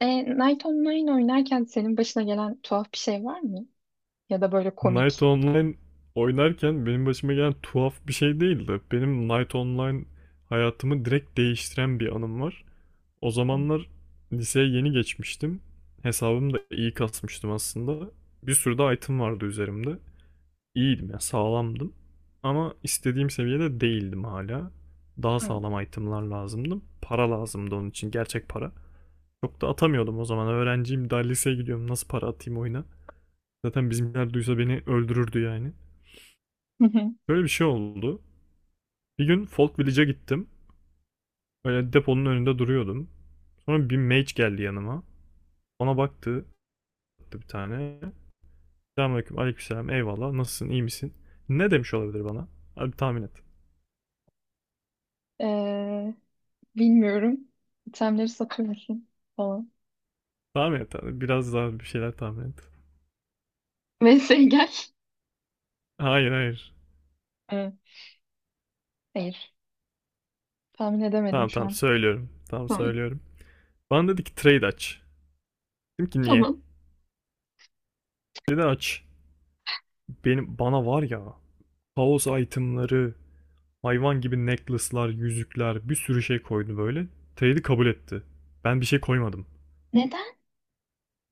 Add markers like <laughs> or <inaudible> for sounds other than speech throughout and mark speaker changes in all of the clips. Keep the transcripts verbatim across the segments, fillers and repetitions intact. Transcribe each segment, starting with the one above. Speaker 1: E, Night Online oynarken senin başına gelen tuhaf bir şey var mı? Ya da böyle
Speaker 2: Night
Speaker 1: komik.
Speaker 2: Online oynarken benim başıma gelen tuhaf bir şey değildi. Benim Night Online hayatımı direkt değiştiren bir anım var. O
Speaker 1: Hı.
Speaker 2: zamanlar liseye yeni geçmiştim. Hesabımı da iyi kasmıştım aslında. Bir sürü de item vardı üzerimde. İyiydim ya, sağlamdım. Ama istediğim seviyede değildim hala. Daha
Speaker 1: Hı.
Speaker 2: sağlam itemlar lazımdı. Para lazımdı onun için, gerçek para. Çok da atamıyordum o zaman. Öğrenciyim, daha liseye gidiyorum. Nasıl para atayım oyuna? Zaten bizimkiler duysa beni öldürürdü yani.
Speaker 1: Hı hı.
Speaker 2: Böyle bir şey oldu. Bir gün Folk Village'e gittim. Böyle deponun önünde duruyordum. Sonra bir mage geldi yanıma. Ona baktı bir tane. Selamünaleyküm, aleykümselam, eyvallah. Nasılsın, iyi misin? Ne demiş olabilir bana? Hadi tahmin et.
Speaker 1: E, bilmiyorum. İtemleri satıyor musun falan.
Speaker 2: Tahmin et abi. Biraz daha bir şeyler tahmin et.
Speaker 1: <laughs> Vs gel.
Speaker 2: Hayır, hayır.
Speaker 1: Hı. Hayır. Tahmin edemedim
Speaker 2: Tamam,
Speaker 1: şu
Speaker 2: tamam,
Speaker 1: an.
Speaker 2: söylüyorum. Tamam,
Speaker 1: Tamam.
Speaker 2: söylüyorum. Bana dedi ki trade aç. Dedim ki niye?
Speaker 1: Tamam.
Speaker 2: Dedi aç. Benim bana var ya, kaos itemları, hayvan gibi necklace'lar, yüzükler, bir sürü şey koydu böyle. Trade'i kabul etti. Ben bir şey koymadım.
Speaker 1: Neden?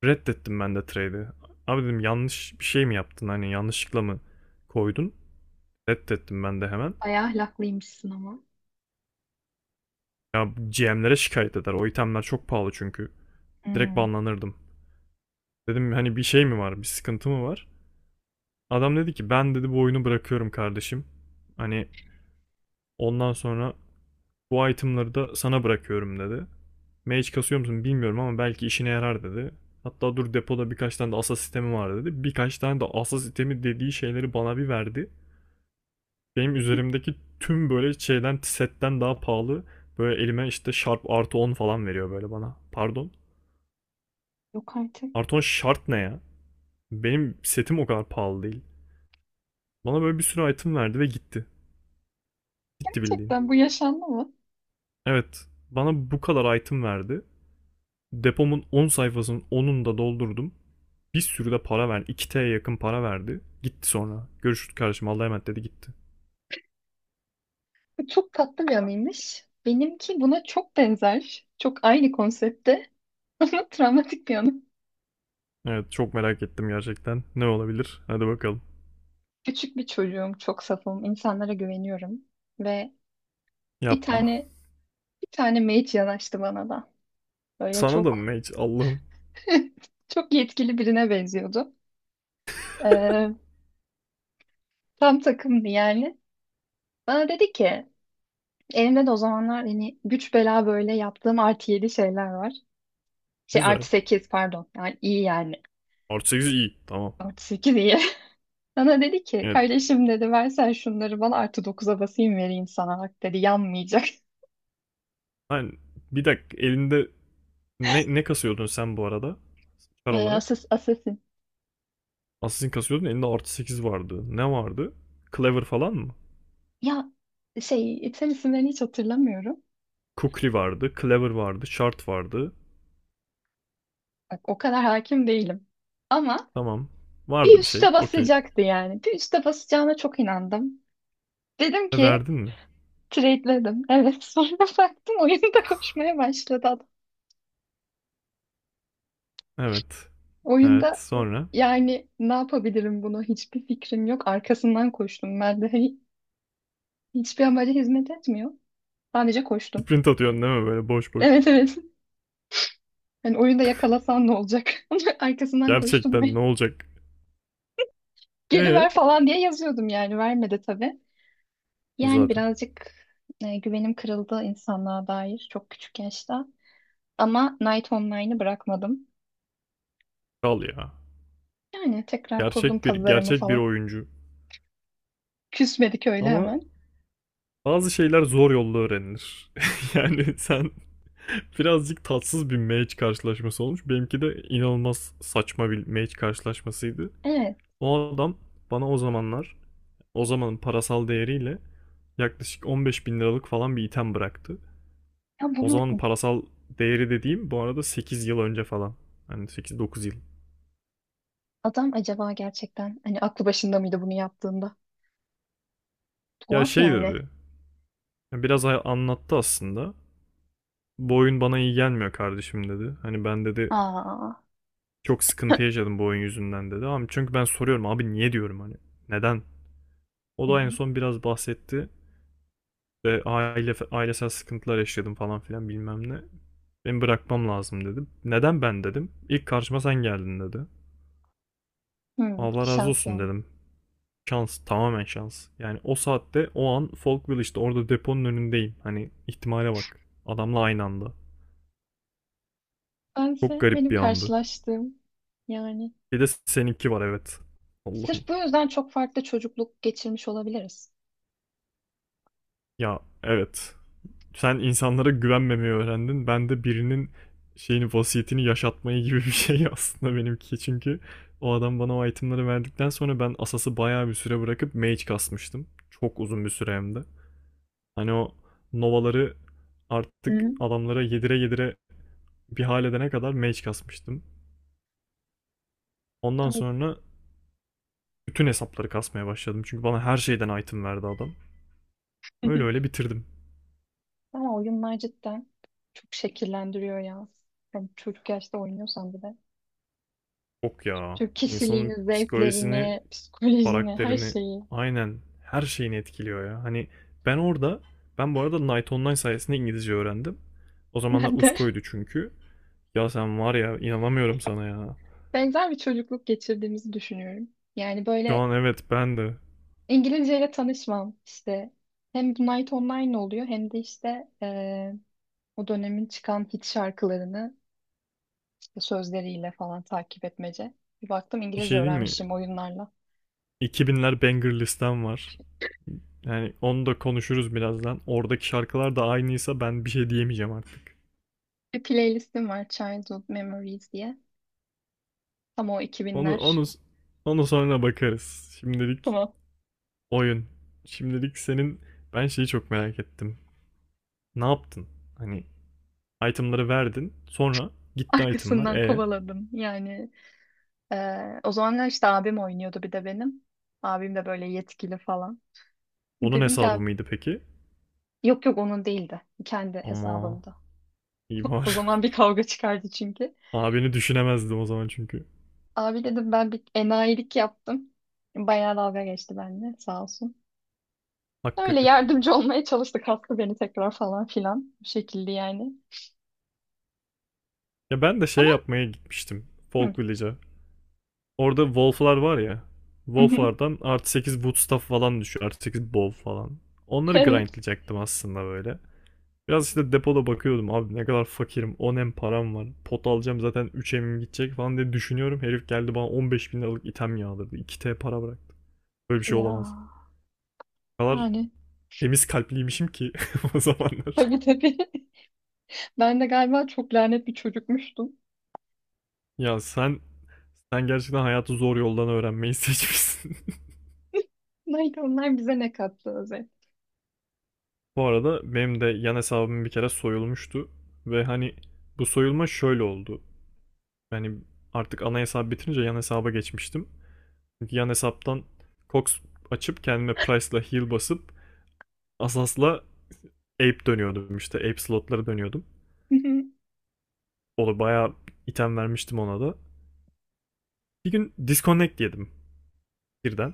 Speaker 2: Reddettim ben de trade'i. Abi dedim, yanlış bir şey mi yaptın? Hani yanlışlıkla mı koydun? Reddettim ben de hemen.
Speaker 1: Bayağı ahlaklıymışsın ama.
Speaker 2: Ya G M'lere şikayet eder. O itemler çok pahalı çünkü. Direkt
Speaker 1: Hmm.
Speaker 2: banlanırdım. Dedim hani bir şey mi var? Bir sıkıntı mı var? Adam dedi ki, ben dedi bu oyunu bırakıyorum kardeşim. Hani ondan sonra bu itemleri da sana bırakıyorum dedi. Mage kasıyor musun bilmiyorum ama belki işine yarar dedi. Hatta dur, depoda birkaç tane de asa sistemi var dedi. Birkaç tane de asa sistemi dediği şeyleri bana bir verdi. Benim üzerimdeki tüm böyle şeyden, setten daha pahalı. Böyle elime işte Sharp artı on falan veriyor böyle bana. Pardon.
Speaker 1: Yok artık.
Speaker 2: Artı on Sharp ne ya? Benim setim o kadar pahalı değil. Bana böyle bir sürü item verdi ve gitti. Gitti bildiğin.
Speaker 1: Gerçekten bu yaşandı mı?
Speaker 2: Evet. Bana bu kadar item verdi. Depomun on sayfasının onunu da doldurdum. Bir sürü de para verdi. İki tye yakın para verdi. Gitti sonra. Görüşürüz kardeşim, Allah'a emanet, dedi gitti.
Speaker 1: Bu çok tatlı bir anıymış. Benimki buna çok benzer. Çok aynı konsepte <laughs> ama travmatik bir anı.
Speaker 2: Evet, çok merak ettim gerçekten. Ne olabilir? Hadi bakalım.
Speaker 1: Küçük bir çocuğum, çok safım, insanlara güveniyorum ve bir
Speaker 2: Yapma.
Speaker 1: tane bir tane mage yanaştı bana da. Böyle
Speaker 2: Sana da mı
Speaker 1: çok
Speaker 2: Mage? Allah'ım.
Speaker 1: <laughs> çok yetkili birine benziyordu. Ee, tam takımdı yani. Bana dedi ki, elimde de o zamanlar hani güç bela böyle yaptığım artı yedi şeyler var. Şey artı
Speaker 2: Güzel.
Speaker 1: sekiz pardon. Yani iyi yani.
Speaker 2: Artı sekiz iyi. Tamam.
Speaker 1: Artı sekiz iyi. <laughs> Bana dedi ki,
Speaker 2: Evet.
Speaker 1: kardeşim dedi versen şunları bana artı dokuza basayım vereyim sana. Bak dedi yanmayacak. <laughs>
Speaker 2: Lan, bir dakika, elinde ne, ne kasıyordun sen bu arada? Kar
Speaker 1: Ee,
Speaker 2: olarak.
Speaker 1: asas,
Speaker 2: Assassin kasıyordun, elinde artı sekiz vardı. Ne vardı? Clever falan mı?
Speaker 1: ya şey item isimlerini hiç hatırlamıyorum.
Speaker 2: Kukri vardı. Clever vardı. Shard vardı.
Speaker 1: Bak o kadar hakim değilim. Ama
Speaker 2: Tamam.
Speaker 1: bir
Speaker 2: Vardı bir
Speaker 1: üste
Speaker 2: şey. Okey.
Speaker 1: basacaktı yani. Bir üste basacağına çok inandım. Dedim ki
Speaker 2: Verdin mi?
Speaker 1: trade'ledim. Evet <laughs> sonra baktım oyunda koşmaya başladı adam.
Speaker 2: Evet. Evet.
Speaker 1: Oyunda
Speaker 2: Sonra?
Speaker 1: yani ne yapabilirim bunu hiçbir fikrim yok. Arkasından koştum. Ben de hani hiçbir amaca hizmet etmiyor. Sadece koştum.
Speaker 2: Sprint atıyorsun değil mi böyle boş
Speaker 1: <laughs>
Speaker 2: boş?
Speaker 1: Evet evet. Hani oyunda yakalasan ne olacak? <laughs> Arkasından koştum
Speaker 2: Gerçekten ne
Speaker 1: ben.
Speaker 2: olacak?
Speaker 1: Geri
Speaker 2: Ee
Speaker 1: ver falan diye yazıyordum yani vermedi tabii. Yani
Speaker 2: zaten
Speaker 1: birazcık e, güvenim kırıldı insanlığa dair çok küçük yaşta. Ama Night Online'ı bırakmadım.
Speaker 2: kal ya.
Speaker 1: Yani tekrar kurdum
Speaker 2: Gerçek bir
Speaker 1: pazarımı
Speaker 2: gerçek bir
Speaker 1: falan.
Speaker 2: oyuncu.
Speaker 1: Küsmedik öyle
Speaker 2: Ama
Speaker 1: hemen.
Speaker 2: bazı şeyler zor yolla öğrenilir. <laughs> Yani sen <laughs> birazcık tatsız bir match karşılaşması olmuş. Benimki de inanılmaz saçma bir match karşılaşmasıydı.
Speaker 1: Evet.
Speaker 2: O adam bana o zamanlar, o zamanın parasal değeriyle yaklaşık on beş bin liralık falan bir item bıraktı.
Speaker 1: Ya
Speaker 2: O zamanın
Speaker 1: bunu
Speaker 2: parasal değeri dediğim bu arada sekiz yıl önce falan. Hani sekiz dokuz yıl.
Speaker 1: adam acaba gerçekten hani aklı başında mıydı bunu yaptığında?
Speaker 2: Ya
Speaker 1: Tuhaf
Speaker 2: şey
Speaker 1: yani.
Speaker 2: dedi. Ya biraz a- anlattı aslında. Bu oyun bana iyi gelmiyor kardeşim dedi. Hani ben dedi
Speaker 1: Aa.
Speaker 2: çok sıkıntı yaşadım bu oyun yüzünden dedi. Ama çünkü ben soruyorum, abi niye diyorum, hani neden? O
Speaker 1: Hı
Speaker 2: da en
Speaker 1: hı.
Speaker 2: son biraz bahsetti. Ve aile ailesel sıkıntılar yaşadım falan filan bilmem ne. Beni bırakmam lazım dedim. Neden ben dedim? İlk karşıma sen geldin dedi.
Speaker 1: Hı,
Speaker 2: Allah razı
Speaker 1: şans
Speaker 2: olsun
Speaker 1: yani.
Speaker 2: dedim. Şans, tamamen şans. Yani o saatte o an Folkville işte orada deponun önündeyim. Hani ihtimale bak. Adamla aynı anda. Çok
Speaker 1: Bense
Speaker 2: garip
Speaker 1: benim
Speaker 2: bir andı.
Speaker 1: karşılaştığım yani.
Speaker 2: Bir de seninki var, evet. Allah'ım.
Speaker 1: Sırf bu yüzden çok farklı çocukluk geçirmiş olabiliriz.
Speaker 2: Ya evet. Sen insanlara güvenmemeyi öğrendin. Ben de birinin şeyini, vasiyetini yaşatmayı gibi bir şey <laughs> aslında benimki. Çünkü o adam bana o itemleri verdikten sonra ben Asas'ı bayağı bir süre bırakıp Mage kasmıştım. Çok uzun bir süre hem de. Hani o Nova'ları
Speaker 1: Hı
Speaker 2: artık
Speaker 1: hı.
Speaker 2: adamlara yedire yedire bir hal edene kadar Mage kasmıştım. Ondan
Speaker 1: Ama,
Speaker 2: sonra bütün hesapları kasmaya başladım. Çünkü bana her şeyden item verdi adam. Öyle öyle
Speaker 1: <laughs>
Speaker 2: bitirdim.
Speaker 1: Ama oyunlar cidden çok şekillendiriyor ya. Yani çocuk yaşta oynuyorsan bir de.
Speaker 2: Yok ya.
Speaker 1: Türk kişiliğini,
Speaker 2: İnsanın psikolojisini,
Speaker 1: zevklerini, psikolojini, her
Speaker 2: karakterini,
Speaker 1: şeyi.
Speaker 2: aynen her şeyini etkiliyor ya. Hani ben orada, ben bu arada Night Online sayesinde İngilizce öğrendim. O zamanlar
Speaker 1: Ben de
Speaker 2: Usko'ydu çünkü. Ya sen var ya, inanamıyorum sana ya.
Speaker 1: <laughs> benzer bir çocukluk geçirdiğimizi düşünüyorum. Yani
Speaker 2: Şu
Speaker 1: böyle
Speaker 2: an, evet, ben de.
Speaker 1: İngilizceyle tanışmam işte. Hem Night Online oluyor hem de işte eee, o dönemin çıkan hit şarkılarını işte sözleriyle falan takip etmece. Bir baktım
Speaker 2: Bir şey
Speaker 1: İngilizce
Speaker 2: diyeyim mi?
Speaker 1: öğrenmişim oyunlarla.
Speaker 2: iki binler banger listem var. Yani onu da konuşuruz birazdan. Oradaki şarkılar da aynıysa ben bir şey diyemeyeceğim artık.
Speaker 1: Bir playlistim var Childhood Memories diye. Tam o
Speaker 2: Onu onu
Speaker 1: iki binler.
Speaker 2: onu sonra bakarız. Şimdilik
Speaker 1: Tamam.
Speaker 2: oyun. Şimdilik senin, ben şeyi çok merak ettim. Ne yaptın? Hani itemları verdin. Sonra gitti itemlar.
Speaker 1: Arkasından
Speaker 2: E
Speaker 1: kovaladım. Yani eee, o zamanlar işte abim oynuyordu bir de benim. Abim de böyle yetkili falan.
Speaker 2: onun
Speaker 1: Dedim ki
Speaker 2: hesabı
Speaker 1: abi,
Speaker 2: mıydı peki?
Speaker 1: yok yok onun değildi. Kendi
Speaker 2: Ama
Speaker 1: hesabımda.
Speaker 2: iyi
Speaker 1: <laughs> O
Speaker 2: var.
Speaker 1: zaman bir kavga çıkardı çünkü.
Speaker 2: <laughs> Abini düşünemezdim o zaman çünkü.
Speaker 1: Abi dedim ben bir enayilik yaptım. Bayağı dalga geçti bende sağ olsun. Öyle
Speaker 2: Hakkı.
Speaker 1: yardımcı olmaya çalıştık hasta beni tekrar falan filan. Bu şekilde yani.
Speaker 2: Ya ben de şey
Speaker 1: Ama
Speaker 2: yapmaya gitmiştim.
Speaker 1: hı.
Speaker 2: Folk Village'a. Orada Wolf'lar var ya.
Speaker 1: <laughs>
Speaker 2: Wolf'lardan artı sekiz bootstaff falan düşüyor. Artı sekiz bow falan. Onları
Speaker 1: Evet.
Speaker 2: grindlayacaktım aslında böyle. Biraz işte depoda bakıyordum, abi ne kadar fakirim, on M param var, pot alacağım zaten, üç emim gidecek falan diye düşünüyorum. Herif geldi bana on beş bin liralık item yağdırdı, iki t para bıraktı. Böyle bir şey olamaz.
Speaker 1: Ya
Speaker 2: O kadar
Speaker 1: yani
Speaker 2: temiz kalpliymişim ki <laughs> o zamanlar.
Speaker 1: tabii tabii. <laughs> Ben de galiba çok lanet bir çocukmuştum.
Speaker 2: Ya sen sen gerçekten hayatı zor yoldan öğrenmeyi seçmişsin.
Speaker 1: Neydi onlar bize ne kattı özel.
Speaker 2: <laughs> Bu arada benim de yan hesabım bir kere soyulmuştu. Ve hani bu soyulma şöyle oldu. Yani artık ana hesap bitirince yan hesaba geçmiştim. Çünkü yan hesaptan Cox açıp kendime Price'la heal basıp Asas'la Ape dönüyordum işte. Ape slotları dönüyordum.
Speaker 1: <laughs>
Speaker 2: Onu bayağı item vermiştim ona da. Bir gün disconnect yedim birden.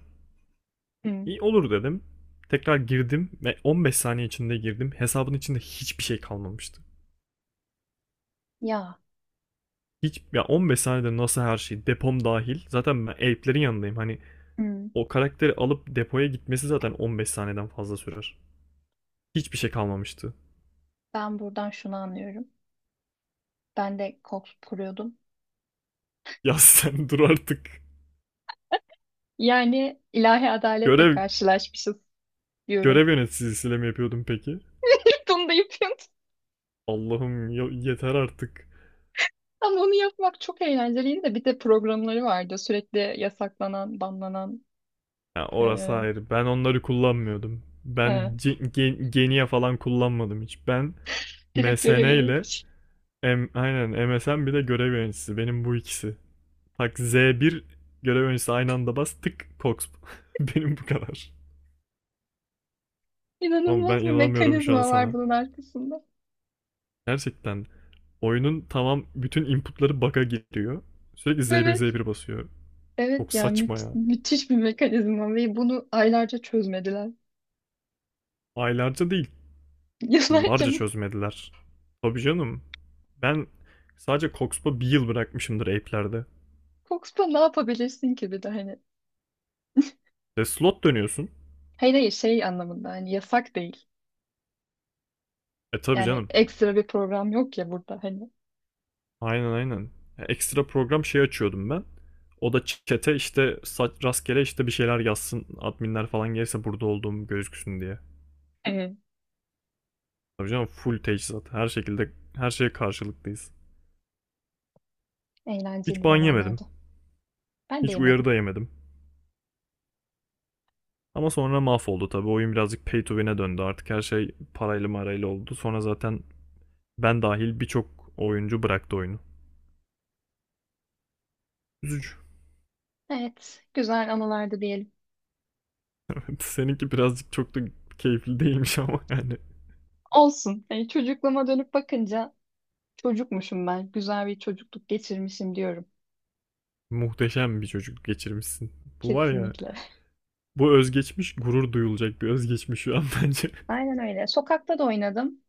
Speaker 1: Hı.
Speaker 2: İyi olur dedim. Tekrar girdim ve on beş saniye içinde girdim. Hesabın içinde hiçbir şey kalmamıştı.
Speaker 1: Ya
Speaker 2: Hiç ya, on beş saniyede nasıl her şey, depom dahil. Zaten ben Ape'lerin yanındayım. Hani
Speaker 1: hı.
Speaker 2: o karakteri alıp depoya gitmesi zaten on beş saniyeden fazla sürer. Hiçbir şey kalmamıştı. <laughs>
Speaker 1: Ben buradan şunu anlıyorum. Ben de koks kuruyordum.
Speaker 2: Ya sen dur artık.
Speaker 1: Yani ilahi adaletle
Speaker 2: Görev
Speaker 1: karşılaşmışız diyorum.
Speaker 2: görev yöneticisiyle mi yapıyordun peki?
Speaker 1: <laughs> Bunu da yapıyorum.
Speaker 2: Allah'ım, yeter artık.
Speaker 1: Ama onu yapmak çok eğlenceliydi de bir de programları vardı. Sürekli yasaklanan, banlanan,
Speaker 2: Ya orası
Speaker 1: eee
Speaker 2: ayrı. Ben onları kullanmıyordum.
Speaker 1: ha,
Speaker 2: Ben C- Gen- Genia falan kullanmadım hiç. Ben
Speaker 1: direkt görev
Speaker 2: M S N ile,
Speaker 1: yönetici.
Speaker 2: M aynen M S N, bir de görev yöneticisi. Benim bu ikisi. Bak Z bir, görev yöneticisi aynı anda, bas tık Cox. <laughs> Benim bu kadar. Oğlum
Speaker 1: İnanılmaz
Speaker 2: ben
Speaker 1: bir
Speaker 2: inanamıyorum şu an
Speaker 1: mekanizma var
Speaker 2: sana.
Speaker 1: bunun arkasında.
Speaker 2: Gerçekten oyunun tamam, bütün inputları bug'a giriyor. Sürekli Z bir
Speaker 1: Evet.
Speaker 2: Z bir basıyor. Çok
Speaker 1: Evet ya
Speaker 2: saçma
Speaker 1: müth-
Speaker 2: ya.
Speaker 1: müthiş bir mekanizma ve bunu aylarca çözmediler.
Speaker 2: Aylarca değil,
Speaker 1: <laughs> Yıllarca
Speaker 2: yıllarca
Speaker 1: mı?
Speaker 2: çözmediler. Tabii canım. Ben sadece Coxpa bir yıl bırakmışımdır app'lerde.
Speaker 1: Fox'ta ne yapabilirsin ki bir de hani.
Speaker 2: Ve slot dönüyorsun.
Speaker 1: Hayır hayır şey anlamında hani yasak değil.
Speaker 2: E tabii
Speaker 1: Yani
Speaker 2: canım.
Speaker 1: ekstra bir program yok ya burada hani.
Speaker 2: Aynen, aynen. Ya ekstra program şey açıyordum ben. O da chat'e işte sa- rastgele işte bir şeyler yazsın. Adminler falan gelirse burada olduğum gözüksün diye.
Speaker 1: Evet.
Speaker 2: Tabii canım, full teçhizat. Her şekilde her şeye karşılıklıyız. Hiç
Speaker 1: Eğlenceli
Speaker 2: ban yemedim.
Speaker 1: zamanlarda. Ben de
Speaker 2: Hiç uyarı
Speaker 1: yemedim.
Speaker 2: da yemedim. Ama sonra mahvoldu tabii. Oyun birazcık pay to win'e döndü artık. Her şey parayla marayla oldu. Sonra zaten ben dahil birçok oyuncu bıraktı oyunu. Üzücü.
Speaker 1: Evet. Güzel anılardı diyelim.
Speaker 2: <laughs> Seninki birazcık çok da keyifli değilmiş ama yani
Speaker 1: Olsun. Yani çocukluğuma dönüp bakınca çocukmuşum ben. Güzel bir çocukluk geçirmişim diyorum.
Speaker 2: muhteşem bir çocukluk geçirmişsin. Bu var ya,
Speaker 1: Kesinlikle.
Speaker 2: bu özgeçmiş gurur duyulacak bir özgeçmiş şu an bence.
Speaker 1: <laughs> Aynen öyle. Sokakta da oynadım.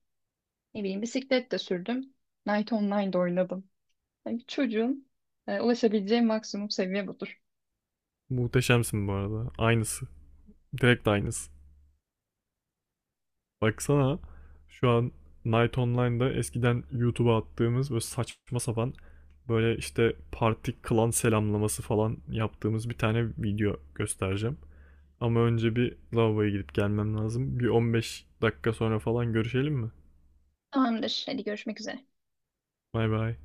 Speaker 1: Ne bileyim bisiklet de sürdüm. Night Online'da oynadım. Yani bir çocuğun e, ulaşabileceği maksimum seviye budur.
Speaker 2: <laughs> Muhteşemsin bu arada. Aynısı. Direkt aynısı. Baksana şu an Night Online'da eskiden YouTube'a attığımız böyle saçma sapan, böyle işte parti klan selamlaması falan yaptığımız bir tane video göstereceğim. Ama önce bir lavaboya gidip gelmem lazım. Bir on beş dakika sonra falan görüşelim mi?
Speaker 1: Tamamdır. Hadi görüşmek üzere.
Speaker 2: Bay bay.